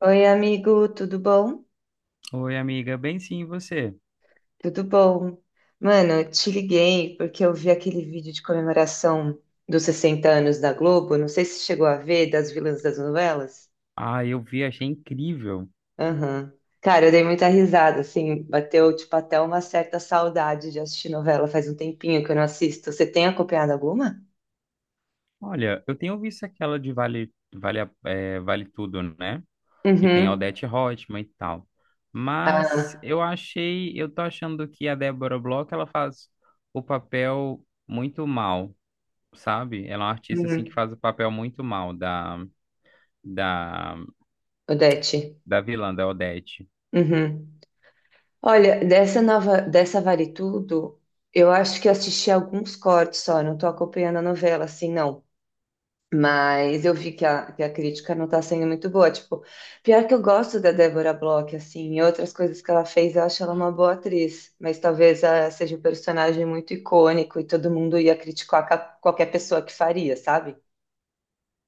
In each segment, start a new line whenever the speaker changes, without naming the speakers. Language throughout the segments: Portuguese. Oi, amigo, tudo bom?
Oi, amiga. Bem sim, e você?
Tudo bom. Mano, eu te liguei porque eu vi aquele vídeo de comemoração dos 60 anos da Globo. Não sei se chegou a ver, das vilãs das novelas.
Ah, eu vi, achei incrível.
Aham. Cara, eu dei muita risada, assim, bateu, tipo, até uma certa saudade de assistir novela. Faz um tempinho que eu não assisto. Você tem acompanhado alguma?
Olha, eu tenho visto aquela de Vale Tudo, né? Que tem a
Uhum.
Odete Roitman e tal. Mas
Ah,
eu tô achando que a Débora Bloch, ela faz o papel muito mal, sabe? Ela é uma artista, assim, que
uhum.
faz o papel muito mal da,
Odete.
da vilã, da Odete.
Uhum. Olha, dessa nova, dessa Vale Tudo, eu acho que assisti alguns cortes só, não tô acompanhando a novela assim, não. Mas eu vi que a crítica não tá sendo muito boa. Tipo, pior que eu gosto da Débora Bloch, assim, e outras coisas que ela fez, eu acho ela uma boa atriz. Mas talvez ela seja um personagem muito icônico e todo mundo ia criticar qualquer pessoa que faria, sabe?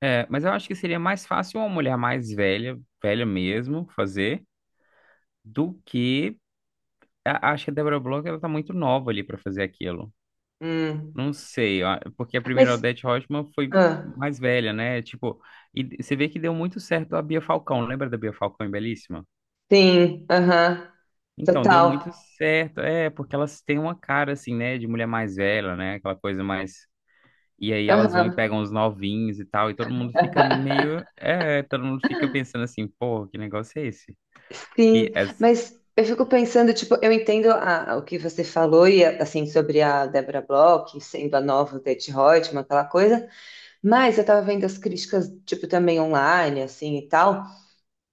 É, mas eu acho que seria mais fácil uma mulher mais velha, velha mesmo, fazer do que acho que a Deborah Bloch ela tá muito nova ali pra fazer aquilo.
Hum.
Não sei, ó, porque a
Mas,
primeira Odete Roitman foi
ah,
mais velha, né? Tipo, e você vê que deu muito certo a Bia Falcão. Lembra da Bia Falcão em Belíssima?
sim, aham,
Então, deu
total.
muito certo. É, porque elas têm uma cara assim, né, de mulher mais velha, né? Aquela coisa mais. E aí elas vão e
Aham.
pegam os novinhos e tal, e todo mundo fica pensando assim, pô, que negócio é esse? Que
Sim,
é.
mas eu fico pensando, tipo, eu entendo o que você falou e assim sobre a Deborah Bloch sendo a nova Detti Reutemann, aquela coisa, mas eu tava vendo as críticas, tipo, também online, assim e tal,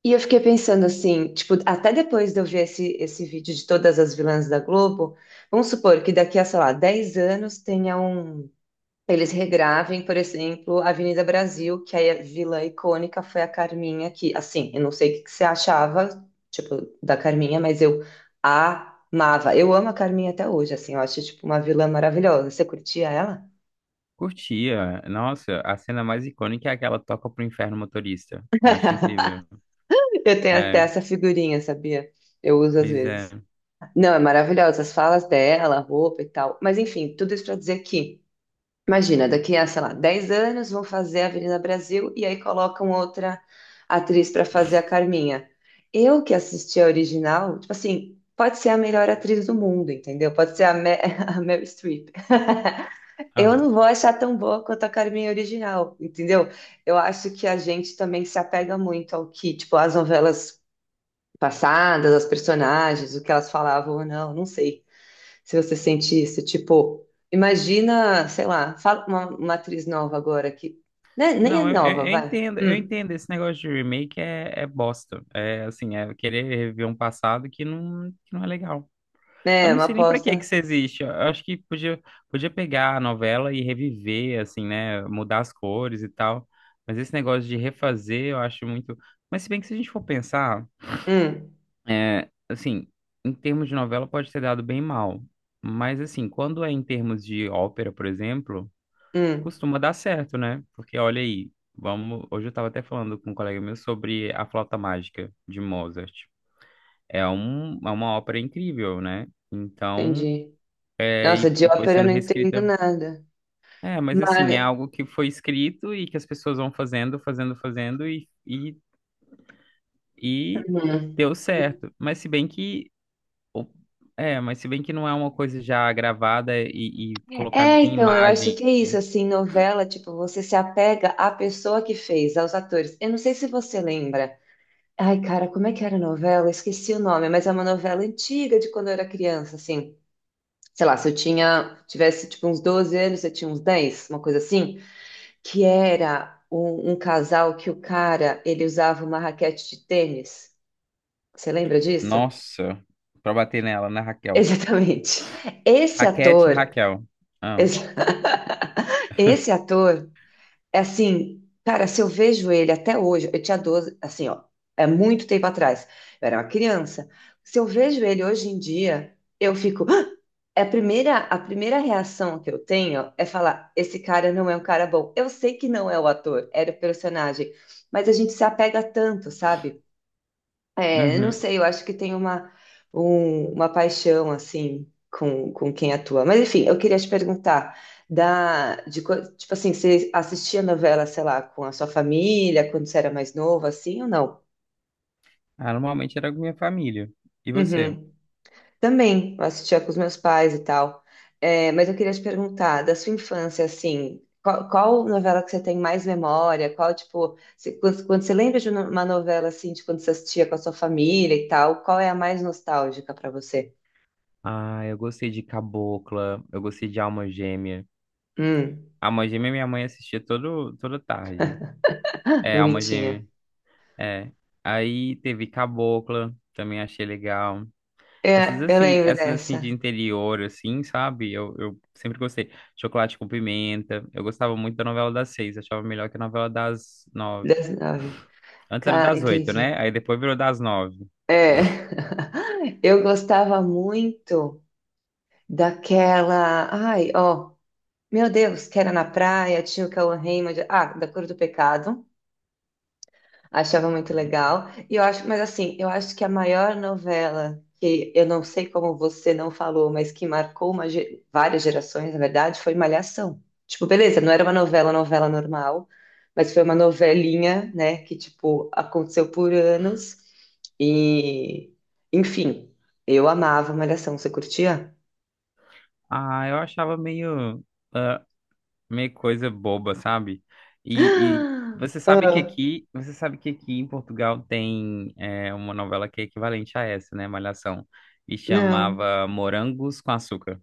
e eu fiquei pensando assim, tipo, até depois de eu ver esse vídeo de todas as vilãs da Globo, vamos supor que daqui a, sei lá, 10 anos tenha um, eles regravem, por exemplo, a Avenida Brasil, que aí a vilã icônica foi a Carminha, que, assim, eu não sei o que que você achava, tipo, da Carminha, mas eu amava. Eu amo a Carminha até hoje, assim, eu acho, tipo, uma vilã maravilhosa. Você curtia ela?
Curtia. Nossa, a cena mais icônica é aquela toca pro inferno motorista. Eu acho incrível.
Eu tenho até
É,
essa figurinha, sabia? Eu uso às
pois é.
vezes. Não, é maravilhosa, as falas dela, a roupa e tal. Mas, enfim, tudo isso pra dizer que. Imagina, daqui a, sei lá, 10 anos vão fazer a Avenida Brasil e aí colocam outra atriz para fazer a Carminha. Eu que assisti a original, tipo assim, pode ser a melhor atriz do mundo, entendeu? Pode ser a, Me a Meryl Streep. Eu
Aham.
não vou achar tão boa quanto a Carminha original, entendeu? Eu acho que a gente também se apega muito ao que, tipo, as novelas passadas, as personagens, o que elas falavam ou não, não sei se você sentisse, tipo, imagina, sei lá, fala uma atriz nova agora que, né, nem é
Não, eu, eu-
nova,
eu
vai.
entendo, eu entendo. Esse negócio de remake é bosta. É assim, é querer reviver um passado que não é legal.
Né,
Eu
é,
não
uma
sei nem pra que que
aposta.
isso existe. Eu acho que podia pegar a novela e reviver, assim, né? Mudar as cores e tal. Mas esse negócio de refazer, eu acho muito. Mas se bem que se a gente for pensar.
Hum,
É, assim, em termos de novela pode ter dado bem mal, mas assim, quando é em termos de ópera, por exemplo,
hum,
costuma dar certo, né? Porque olha aí, vamos, hoje eu estava até falando com um colega meu sobre A Flauta Mágica de Mozart. É uma ópera incrível, né? Então,
entendi.
é,
Nossa,
e,
de
e foi
ópera eu
sendo
não entendo
reescrita.
nada.
É, mas assim, é
Mas,
algo que foi escrito e que as pessoas vão fazendo, fazendo, fazendo e, e, e
hum.
deu certo. Ou- mas se bem que não é uma coisa já gravada e, colocada
É,
em
então, eu acho
imagem.
que é isso, assim, novela, tipo, você se apega à pessoa que fez, aos atores. Eu não sei se você lembra. Ai, cara, como é que era a novela? Eu esqueci o nome, mas é uma novela antiga de quando eu era criança, assim. Sei lá, se eu tinha, tivesse tipo uns 12 anos, eu tinha uns 10, uma coisa assim, que era um casal que o cara, ele usava uma raquete de tênis. Você lembra disso?
Nossa, pra bater nela, né, Raquel?
Exatamente. Esse
Raquete e
ator,
Raquel. Ah,
esse, Esse ator é assim, cara, se eu vejo ele até hoje, eu tinha 12, assim, ó, é muito tempo atrás, eu era uma criança. Se eu vejo ele hoje em dia, eu fico. "Ah!" É a primeira reação que eu tenho é falar: esse cara não é um cara bom. Eu sei que não é o ator, era o personagem, mas a gente se apega tanto, sabe? É, eu não
uhum.
sei, eu acho que tem uma paixão assim com, quem atua. Mas enfim, eu queria te perguntar tipo assim, você assistia novela, sei lá, com a sua família quando você era mais novo, assim ou não?
Ah, normalmente era com minha família. E você?
Uhum. Também, eu assistia com os meus pais e tal. É, mas eu queria te perguntar da sua infância, assim, qual novela que você tem mais memória? Qual tipo, quando você lembra de uma novela assim, de quando você assistia com a sua família e tal, qual é a mais nostálgica para você?
Ah, eu gostei de Cabocla, eu gostei de Alma Gêmea.
Hum,
Alma Gêmea minha mãe assistia todo, toda tarde. É, Alma
bonitinha.
Gêmea, é. Aí teve Cabocla, também achei legal.
É, eu lembro
Essas assim de
dessa,
interior, assim, sabe? Eu sempre gostei. Chocolate com pimenta. Eu gostava muito da novela das seis. Achava melhor que a novela das nove.
das nove.
Antes era das oito,
Entendi.
né? Aí depois virou das nove.
É, eu gostava muito daquela. Ai, ó, meu Deus, que era na praia, tinha o Cauã Raymond. Ah, da Cor do Pecado. Achava muito
Uhum.
legal. E eu acho, mas assim, eu acho que a maior novela que eu não sei como você não falou, mas que marcou uma várias gerações, na verdade, foi Malhação. Tipo, beleza, não era uma novela, novela normal, mas foi uma novelinha, né, que tipo aconteceu por anos e, enfim, eu amava Malhação. Você curtia?
Ah, eu achava ah, meio coisa boba, sabe? E você sabe que
Ah,
aqui, você sabe que aqui em Portugal tem uma novela que é equivalente a essa, né? Malhação. E
não.
chamava Morangos com Açúcar.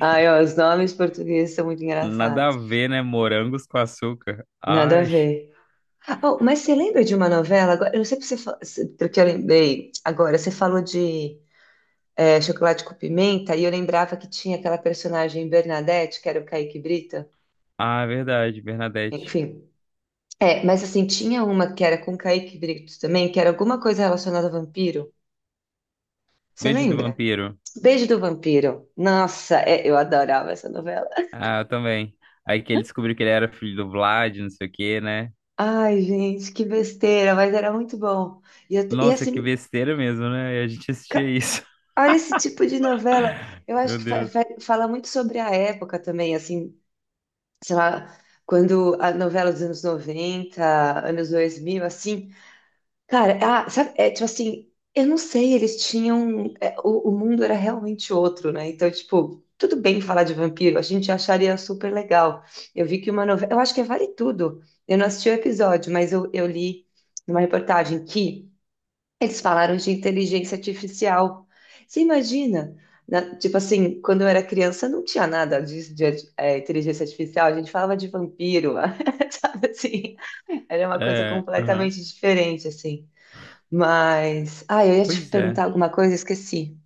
Ai, ó, os nomes portugueses são muito
Nada a
engraçados.
ver, né? Morangos com Açúcar.
Nada a
Ai.
ver. Oh, mas você lembra de uma novela? Agora, eu não sei porque você, porque eu lembrei agora. Você falou de chocolate com pimenta e eu lembrava que tinha aquela personagem Bernadette, que era o Kaique Brito.
Ah, é verdade, Bernadette.
Enfim, é, mas assim, tinha uma que era com o Kaique Brito também, que era alguma coisa relacionada a vampiro. Você
Beijo do
lembra?
Vampiro.
Beijo do Vampiro. Nossa, é, eu adorava essa novela.
Ah, eu também. Aí que ele descobriu que ele era filho do Vlad, não sei o quê, né?
Ai, gente, que besteira, mas era muito bom. E, e
Nossa, que
assim.
besteira mesmo, né? E a gente assistia isso.
Olha esse tipo de novela. Eu acho
Meu
que fa- fa-
Deus.
fala muito sobre a época também, assim, sei lá, quando a novela dos anos 90, anos 2000, assim. Cara, ah, sabe, é tipo assim, eu não sei, eles tinham. O mundo era realmente outro, né? Então, tipo, tudo bem falar de vampiro, a gente acharia super legal. Eu vi que uma novela. Eu acho que é Vale Tudo. Eu não assisti o episódio, mas eu li numa reportagem que. Eles falaram de inteligência artificial. Você imagina, tipo assim, quando eu era criança não tinha nada disso de, inteligência artificial, a gente falava de vampiro, sabe assim? Era uma coisa
É, aham.
completamente diferente, assim. Mas, ah, eu ia te
Pois é.
perguntar alguma coisa, esqueci.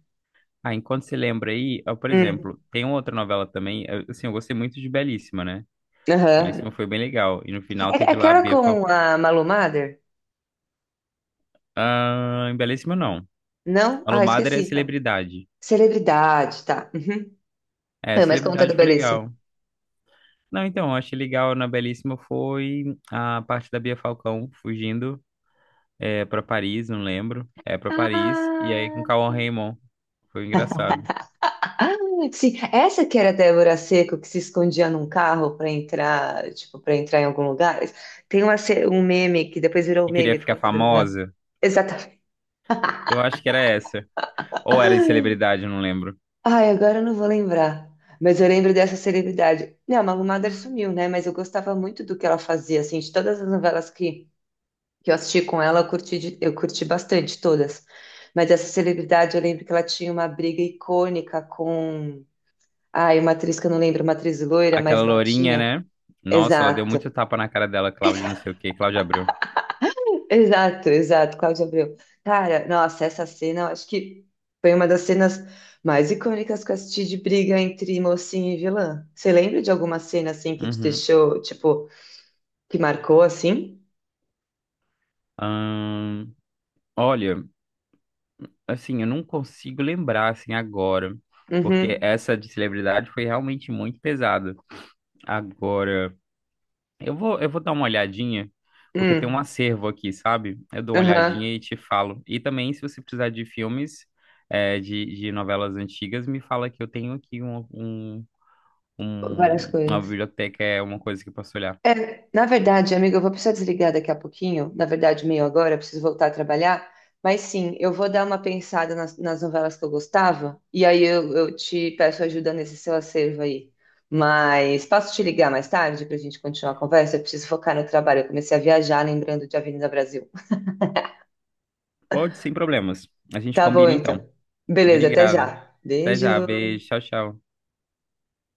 Ah, enquanto você lembra aí, ó, por
Hum,
exemplo, tem uma outra novela também. Assim, eu gostei muito de Belíssima, né?
aham.
Belíssima foi bem legal. E no final
É, é
teve lá a
aquela
Bia
com
Falcão.
a Malu Mader?
Ah, em Belíssima não.
Não?
Alô
Ah,
Madre
esqueci
é
então.
Celebridade.
Celebridade, tá. Uhum.
É,
É, mas conta do
Celebridade foi
Belíssimo.
legal. Não, então, eu achei legal na Belíssima foi a parte da Bia Falcão fugindo para Paris, não lembro. É para Paris, e aí com
Ah!
Cauã Raymond. Foi engraçado.
Ah, sim. Essa que era a Débora Seco que se escondia num carro para entrar, tipo, para entrar em algum lugar. Tem uma, um meme que depois virou um
Que queria
meme por
ficar
causa da novela.
famosa?
Exatamente.
Eu acho que era essa. Ou era de
Ah,
Celebridade, eu não lembro.
ai, agora eu não vou lembrar. Mas eu lembro dessa celebridade. Não, a Malu Mader sumiu, né? Mas eu gostava muito do que ela fazia, assim, de todas as novelas que eu assisti com ela, eu curti, eu curti bastante todas. Mas essa celebridade, eu lembro que ela tinha uma briga icônica com. Ai, uma atriz que eu não lembro, uma atriz loira, mais
Aquela lourinha,
batinha.
né? Nossa, ela deu
Exato,
muito tapa na cara dela, Cláudia, não sei o quê, Cláudia Abreu.
exato, exato, Cláudio Abreu. Cara, nossa, essa cena, eu acho que foi uma das cenas mais icônicas que eu assisti de briga entre mocinho e vilã. Você lembra de alguma cena assim que te
Uhum.
deixou, tipo, que marcou assim?
Ahn, olha, assim, eu não consigo lembrar assim agora, porque
Uhum,
essa de Celebridade foi realmente muito pesada. Agora. Eu vou dar uma olhadinha, porque tem um
hum,
acervo aqui, sabe? Eu dou uma
aham,
olhadinha e te falo. E também, se você precisar de filmes, de novelas antigas, me fala que eu tenho aqui um-
várias
uma
coisas.
biblioteca, é uma coisa que eu posso olhar.
É, na verdade, amiga, eu vou precisar desligar daqui a pouquinho. Na verdade, meio agora, eu preciso voltar a trabalhar. Mas sim, eu vou dar uma pensada nas novelas que eu gostava. E aí eu te peço ajuda nesse seu acervo aí. Mas posso te ligar mais tarde para a gente continuar a conversa? Eu preciso focar no trabalho. Eu comecei a viajar lembrando de Avenida Brasil.
Pode, sem problemas. A gente
Tá bom,
combina então.
então. Beleza, até
Obrigado.
já.
Até
Beijo.
já. Beijo. Tchau, tchau.